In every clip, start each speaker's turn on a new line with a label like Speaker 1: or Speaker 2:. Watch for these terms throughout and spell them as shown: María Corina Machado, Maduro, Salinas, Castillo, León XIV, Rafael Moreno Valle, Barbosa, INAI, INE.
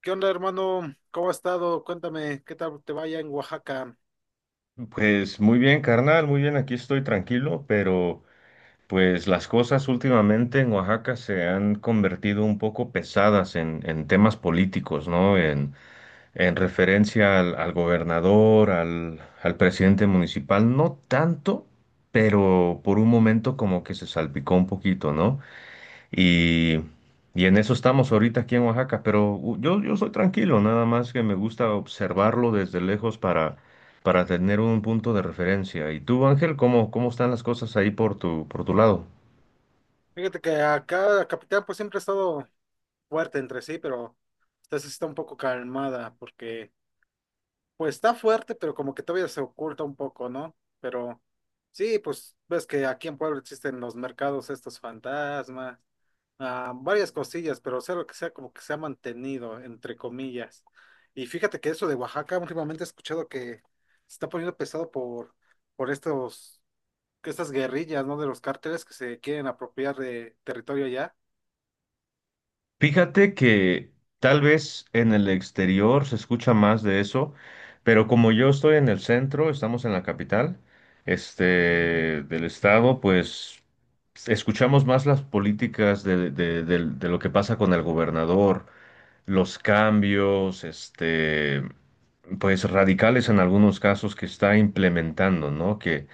Speaker 1: ¿Qué onda, hermano? ¿Cómo ha estado? Cuéntame, ¿qué tal te vaya en Oaxaca?
Speaker 2: Pues muy bien, carnal, muy bien, aquí estoy tranquilo, pero pues las cosas últimamente en Oaxaca se han convertido un poco pesadas en temas políticos, ¿no? En referencia al gobernador, al presidente municipal, no tanto, pero por un momento como que se salpicó un poquito, ¿no? Y, y en eso estamos ahorita aquí en Oaxaca, pero yo soy tranquilo, nada más que me gusta observarlo desde lejos para tener un punto de referencia. ¿Y tú, Ángel, cómo están las cosas ahí por por tu lado?
Speaker 1: Fíjate que acá la capital pues siempre ha estado fuerte entre sí, pero esta sí está un poco calmada porque pues está fuerte, pero como que todavía se oculta un poco, ¿no? Pero sí, pues ves que aquí en Puebla existen los mercados estos fantasmas, varias cosillas, pero sea lo que sea, como que se ha mantenido, entre comillas. Y fíjate que eso de Oaxaca últimamente he escuchado que se está poniendo pesado por estos que estas guerrillas, ¿no? De los cárteles que se quieren apropiar de territorio allá.
Speaker 2: Fíjate que tal vez en el exterior se escucha más de eso, pero como yo estoy en el centro, estamos en la capital, este, del estado, pues escuchamos más las políticas de lo que pasa con el gobernador los cambios, este, pues radicales en algunos casos que está implementando, ¿no?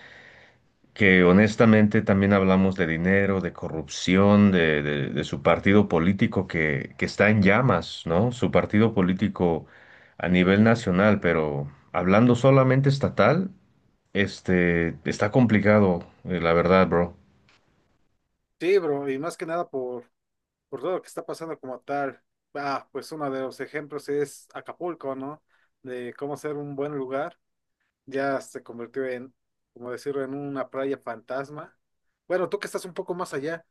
Speaker 2: Que honestamente también hablamos de dinero, de corrupción, de su partido político que está en llamas, ¿no? Su partido político a nivel nacional, pero hablando solamente estatal, este, está complicado, la verdad, bro.
Speaker 1: Sí, bro, y más que nada por todo lo que está pasando como tal. Ah, pues uno de los ejemplos es Acapulco, ¿no? De cómo ser un buen lugar. Ya se convirtió, como decirlo, en una playa fantasma. Bueno, tú que estás un poco más allá,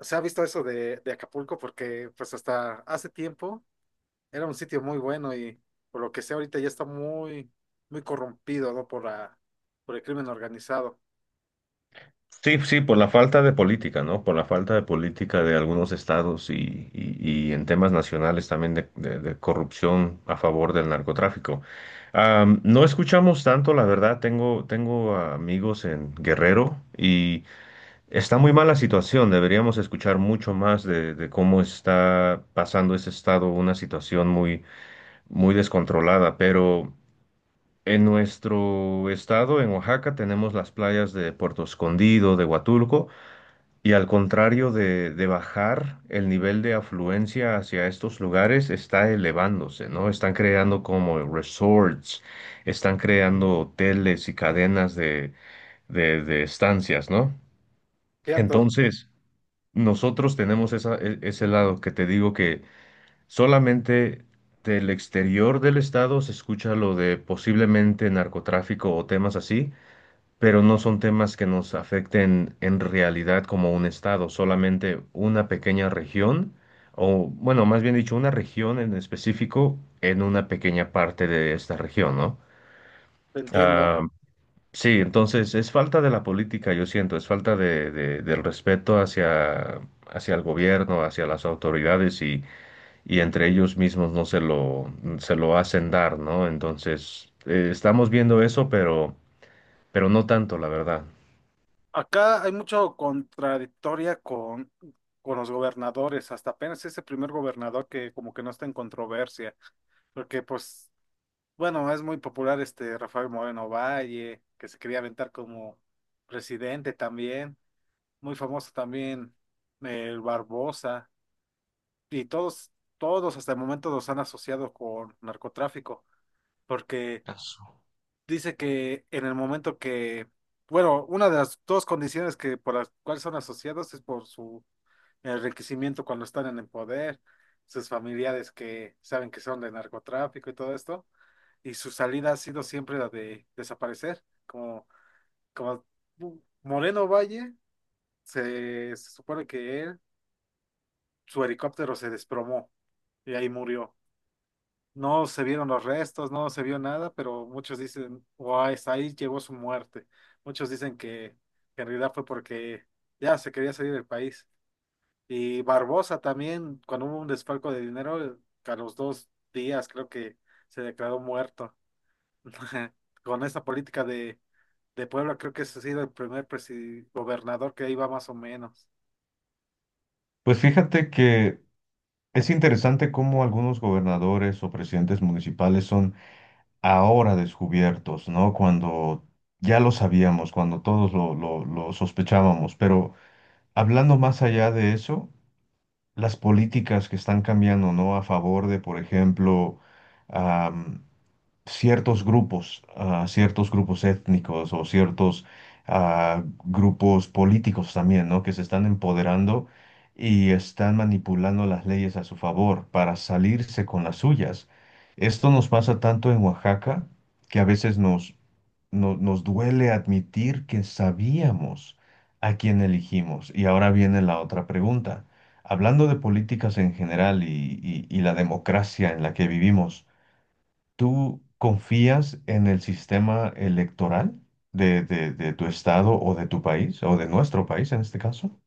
Speaker 1: ¿se ha visto eso de Acapulco? Porque pues hasta hace tiempo era un sitio muy bueno y por lo que sé ahorita ya está muy corrompido, ¿no? Por por el crimen organizado.
Speaker 2: Sí, sí, por la falta de política, ¿no? Por la falta de política de algunos estados y en temas nacionales también de corrupción a favor del narcotráfico. No escuchamos tanto, la verdad, tengo amigos en Guerrero y está muy mala situación, deberíamos escuchar mucho más de cómo está pasando ese estado, una situación muy descontrolada, pero... En nuestro estado, en Oaxaca, tenemos las playas de Puerto Escondido, de Huatulco, y al contrario de bajar, el nivel de afluencia hacia estos lugares está elevándose, ¿no? Están creando como resorts, están creando hoteles y cadenas de estancias, ¿no?
Speaker 1: Cierto,
Speaker 2: Entonces, nosotros tenemos ese lado que te digo que solamente del exterior del estado se escucha lo de posiblemente narcotráfico o temas así, pero no son temas que nos afecten en realidad como un estado, solamente una pequeña región, o bueno, más bien dicho, una región en específico en una pequeña parte de esta región, ¿no?
Speaker 1: te entiendo.
Speaker 2: Ah, sí, entonces es falta de la política, yo siento, es falta del respeto hacia el gobierno, hacia las autoridades y entre ellos mismos no se lo hacen dar, ¿no? Entonces, estamos viendo eso, pero no tanto, la verdad.
Speaker 1: Acá hay mucho contradictoria con los gobernadores. Hasta apenas es el primer gobernador que como que no está en controversia. Porque pues, bueno, es muy popular este Rafael Moreno Valle, que se quería aventar como presidente también. Muy famoso también el Barbosa. Y todos hasta el momento los han asociado con narcotráfico. Porque dice que en el momento que, bueno, una de las dos condiciones que por las cuales son asociados es por su enriquecimiento cuando están en el poder, sus familiares que saben que son de narcotráfico y todo esto, y su salida ha sido siempre la de desaparecer, como, como Moreno Valle, se supone que él, su helicóptero se desplomó y ahí murió. No se vieron los restos, no se vio nada, pero muchos dicen, guau guay, ahí llegó su muerte. Muchos dicen que en realidad fue porque ya se quería salir del país. Y Barbosa también, cuando hubo un desfalco de dinero, a los dos días creo que se declaró muerto. Con esa política de Puebla, creo que ese ha sido el primer gobernador que iba más o menos.
Speaker 2: Pues fíjate que es interesante cómo algunos gobernadores o presidentes municipales son ahora descubiertos, ¿no? Cuando ya lo sabíamos, cuando todos lo sospechábamos. Pero hablando más allá de eso, las políticas que están cambiando, ¿no? A favor de, por ejemplo, ciertos grupos, ciertos grupos étnicos o ciertos grupos políticos también, ¿no? Que se están empoderando y están manipulando las leyes a su favor para salirse con las suyas. Esto nos pasa tanto en Oaxaca que a veces nos, no- nos duele admitir que sabíamos a quién elegimos. Y ahora viene la otra pregunta. Hablando de políticas en general y la democracia en la que vivimos, ¿tú confías en el sistema electoral de tu estado o de tu país, o de nuestro país en este caso?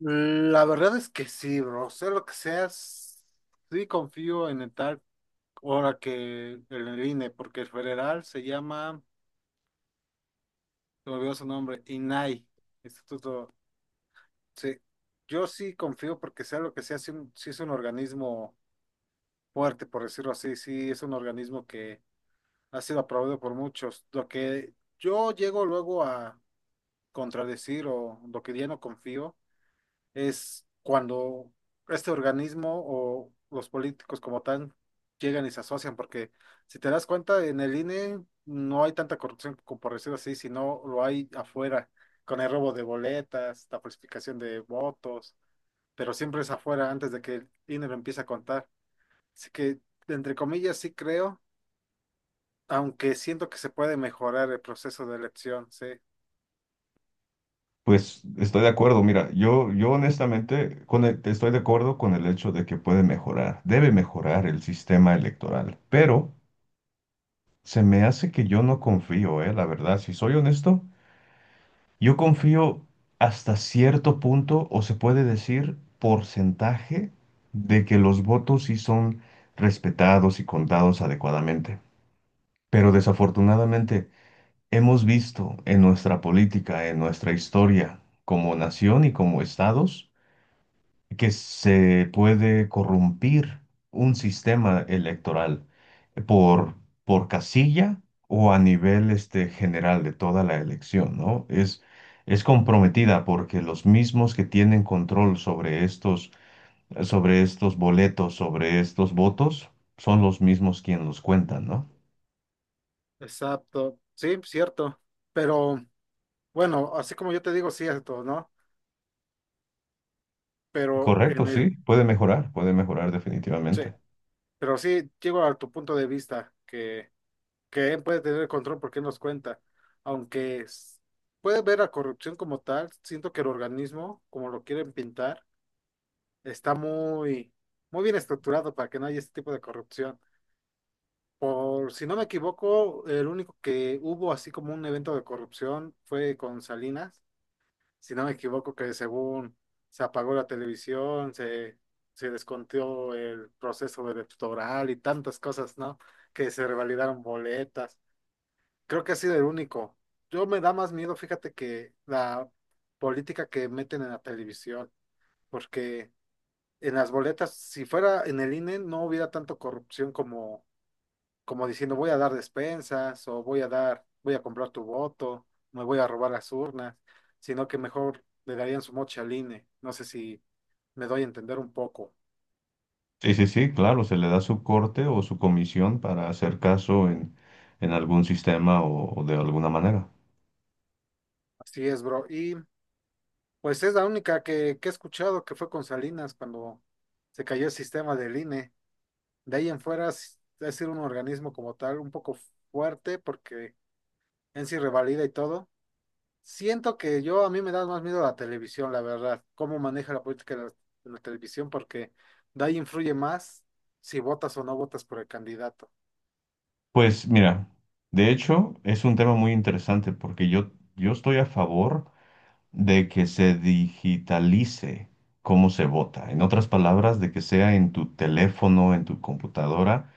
Speaker 1: La verdad es que sí, bro, sea lo que seas, sí confío en el tal. Ahora que el INE, porque el federal se llama, se me olvidó su nombre, INAI, Instituto. Sí, yo sí confío porque sea lo que sea, sí es un organismo fuerte, por decirlo así, sí es un organismo que ha sido aprobado por muchos. Lo que yo llego luego a contradecir o lo que ya no confío es cuando este organismo o los políticos como tal llegan y se asocian, porque si te das cuenta, en el INE no hay tanta corrupción, como por decirlo así, sino lo hay afuera, con el robo de boletas, la falsificación de votos, pero siempre es afuera antes de que el INE lo empiece a contar. Así que, entre comillas, sí creo, aunque siento que se puede mejorar el proceso de elección, sí.
Speaker 2: Pues estoy de acuerdo, mira, yo honestamente estoy de acuerdo con el hecho de que puede mejorar, debe mejorar el sistema electoral, pero se me hace que yo no confío, la verdad, si soy honesto, yo confío hasta cierto punto, o se puede decir porcentaje, de que los votos sí son respetados y contados adecuadamente. Pero desafortunadamente hemos visto en nuestra política, en nuestra historia, como nación y como estados, que se puede corrompir un sistema electoral por, por casilla o a nivel este, general de toda la elección, ¿no? Es comprometida porque los mismos que tienen control sobre sobre estos boletos, sobre estos votos, son los mismos quienes los cuentan, ¿no?
Speaker 1: Exacto, sí, cierto, pero bueno, así como yo te digo, cierto, ¿no? Pero
Speaker 2: Correcto,
Speaker 1: en el,
Speaker 2: sí, puede mejorar
Speaker 1: sí,
Speaker 2: definitivamente.
Speaker 1: pero sí llego a tu punto de vista que él puede tener el control porque él nos cuenta, aunque puede ver la corrupción como tal, siento que el organismo, como lo quieren pintar, está muy bien estructurado para que no haya este tipo de corrupción. Por si no me equivoco, el único que hubo así como un evento de corrupción fue con Salinas, si no me equivoco, que según se apagó la televisión, se descontó el proceso electoral y tantas cosas, ¿no? Que se revalidaron boletas. Creo que ha sido el único. Yo me da más miedo, fíjate, que la política que meten en la televisión, porque en las boletas, si fuera en el INE, no hubiera tanto corrupción como como diciendo, voy a dar despensas o voy a dar, voy a comprar tu voto, me voy a robar las urnas, sino que mejor le darían su moche al INE. No sé si me doy a entender un poco.
Speaker 2: Sí, sí, sí, claro, se le da su corte o su comisión para hacer caso en algún sistema o de alguna manera.
Speaker 1: Así es, bro. Y pues es la única que he escuchado que fue con Salinas cuando se cayó el sistema del INE. De ahí en fuera es decir un organismo como tal un poco fuerte porque en sí revalida y todo. Siento que yo a mí me da más miedo la televisión, la verdad, cómo maneja la política la televisión, porque de ahí influye más si votas o no votas por el candidato.
Speaker 2: Pues mira, de hecho es un tema muy interesante porque yo estoy a favor de que se digitalice cómo se vota. En otras palabras, de que sea en tu teléfono, en tu computadora.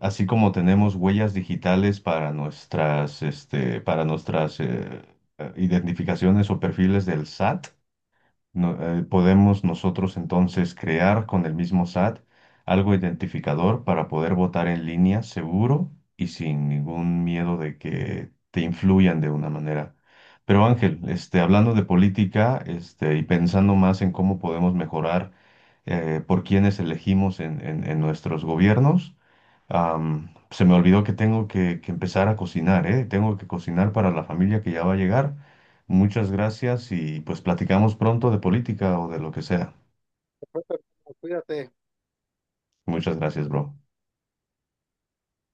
Speaker 2: Así como tenemos huellas digitales para nuestras, este, para nuestras identificaciones o perfiles del SAT, podemos nosotros entonces crear con el mismo SAT algo identificador para poder votar en línea seguro y sin ningún miedo de que te influyan de una manera. Pero Ángel, este, hablando de política, este, y pensando más en cómo podemos mejorar por quienes elegimos en en nuestros gobiernos. Se me olvidó que que empezar a cocinar, ¿eh? Tengo que cocinar para la familia que ya va a llegar. Muchas gracias y pues platicamos pronto de política o de lo que sea.
Speaker 1: Perfecto, cuídate.
Speaker 2: Muchas gracias, bro.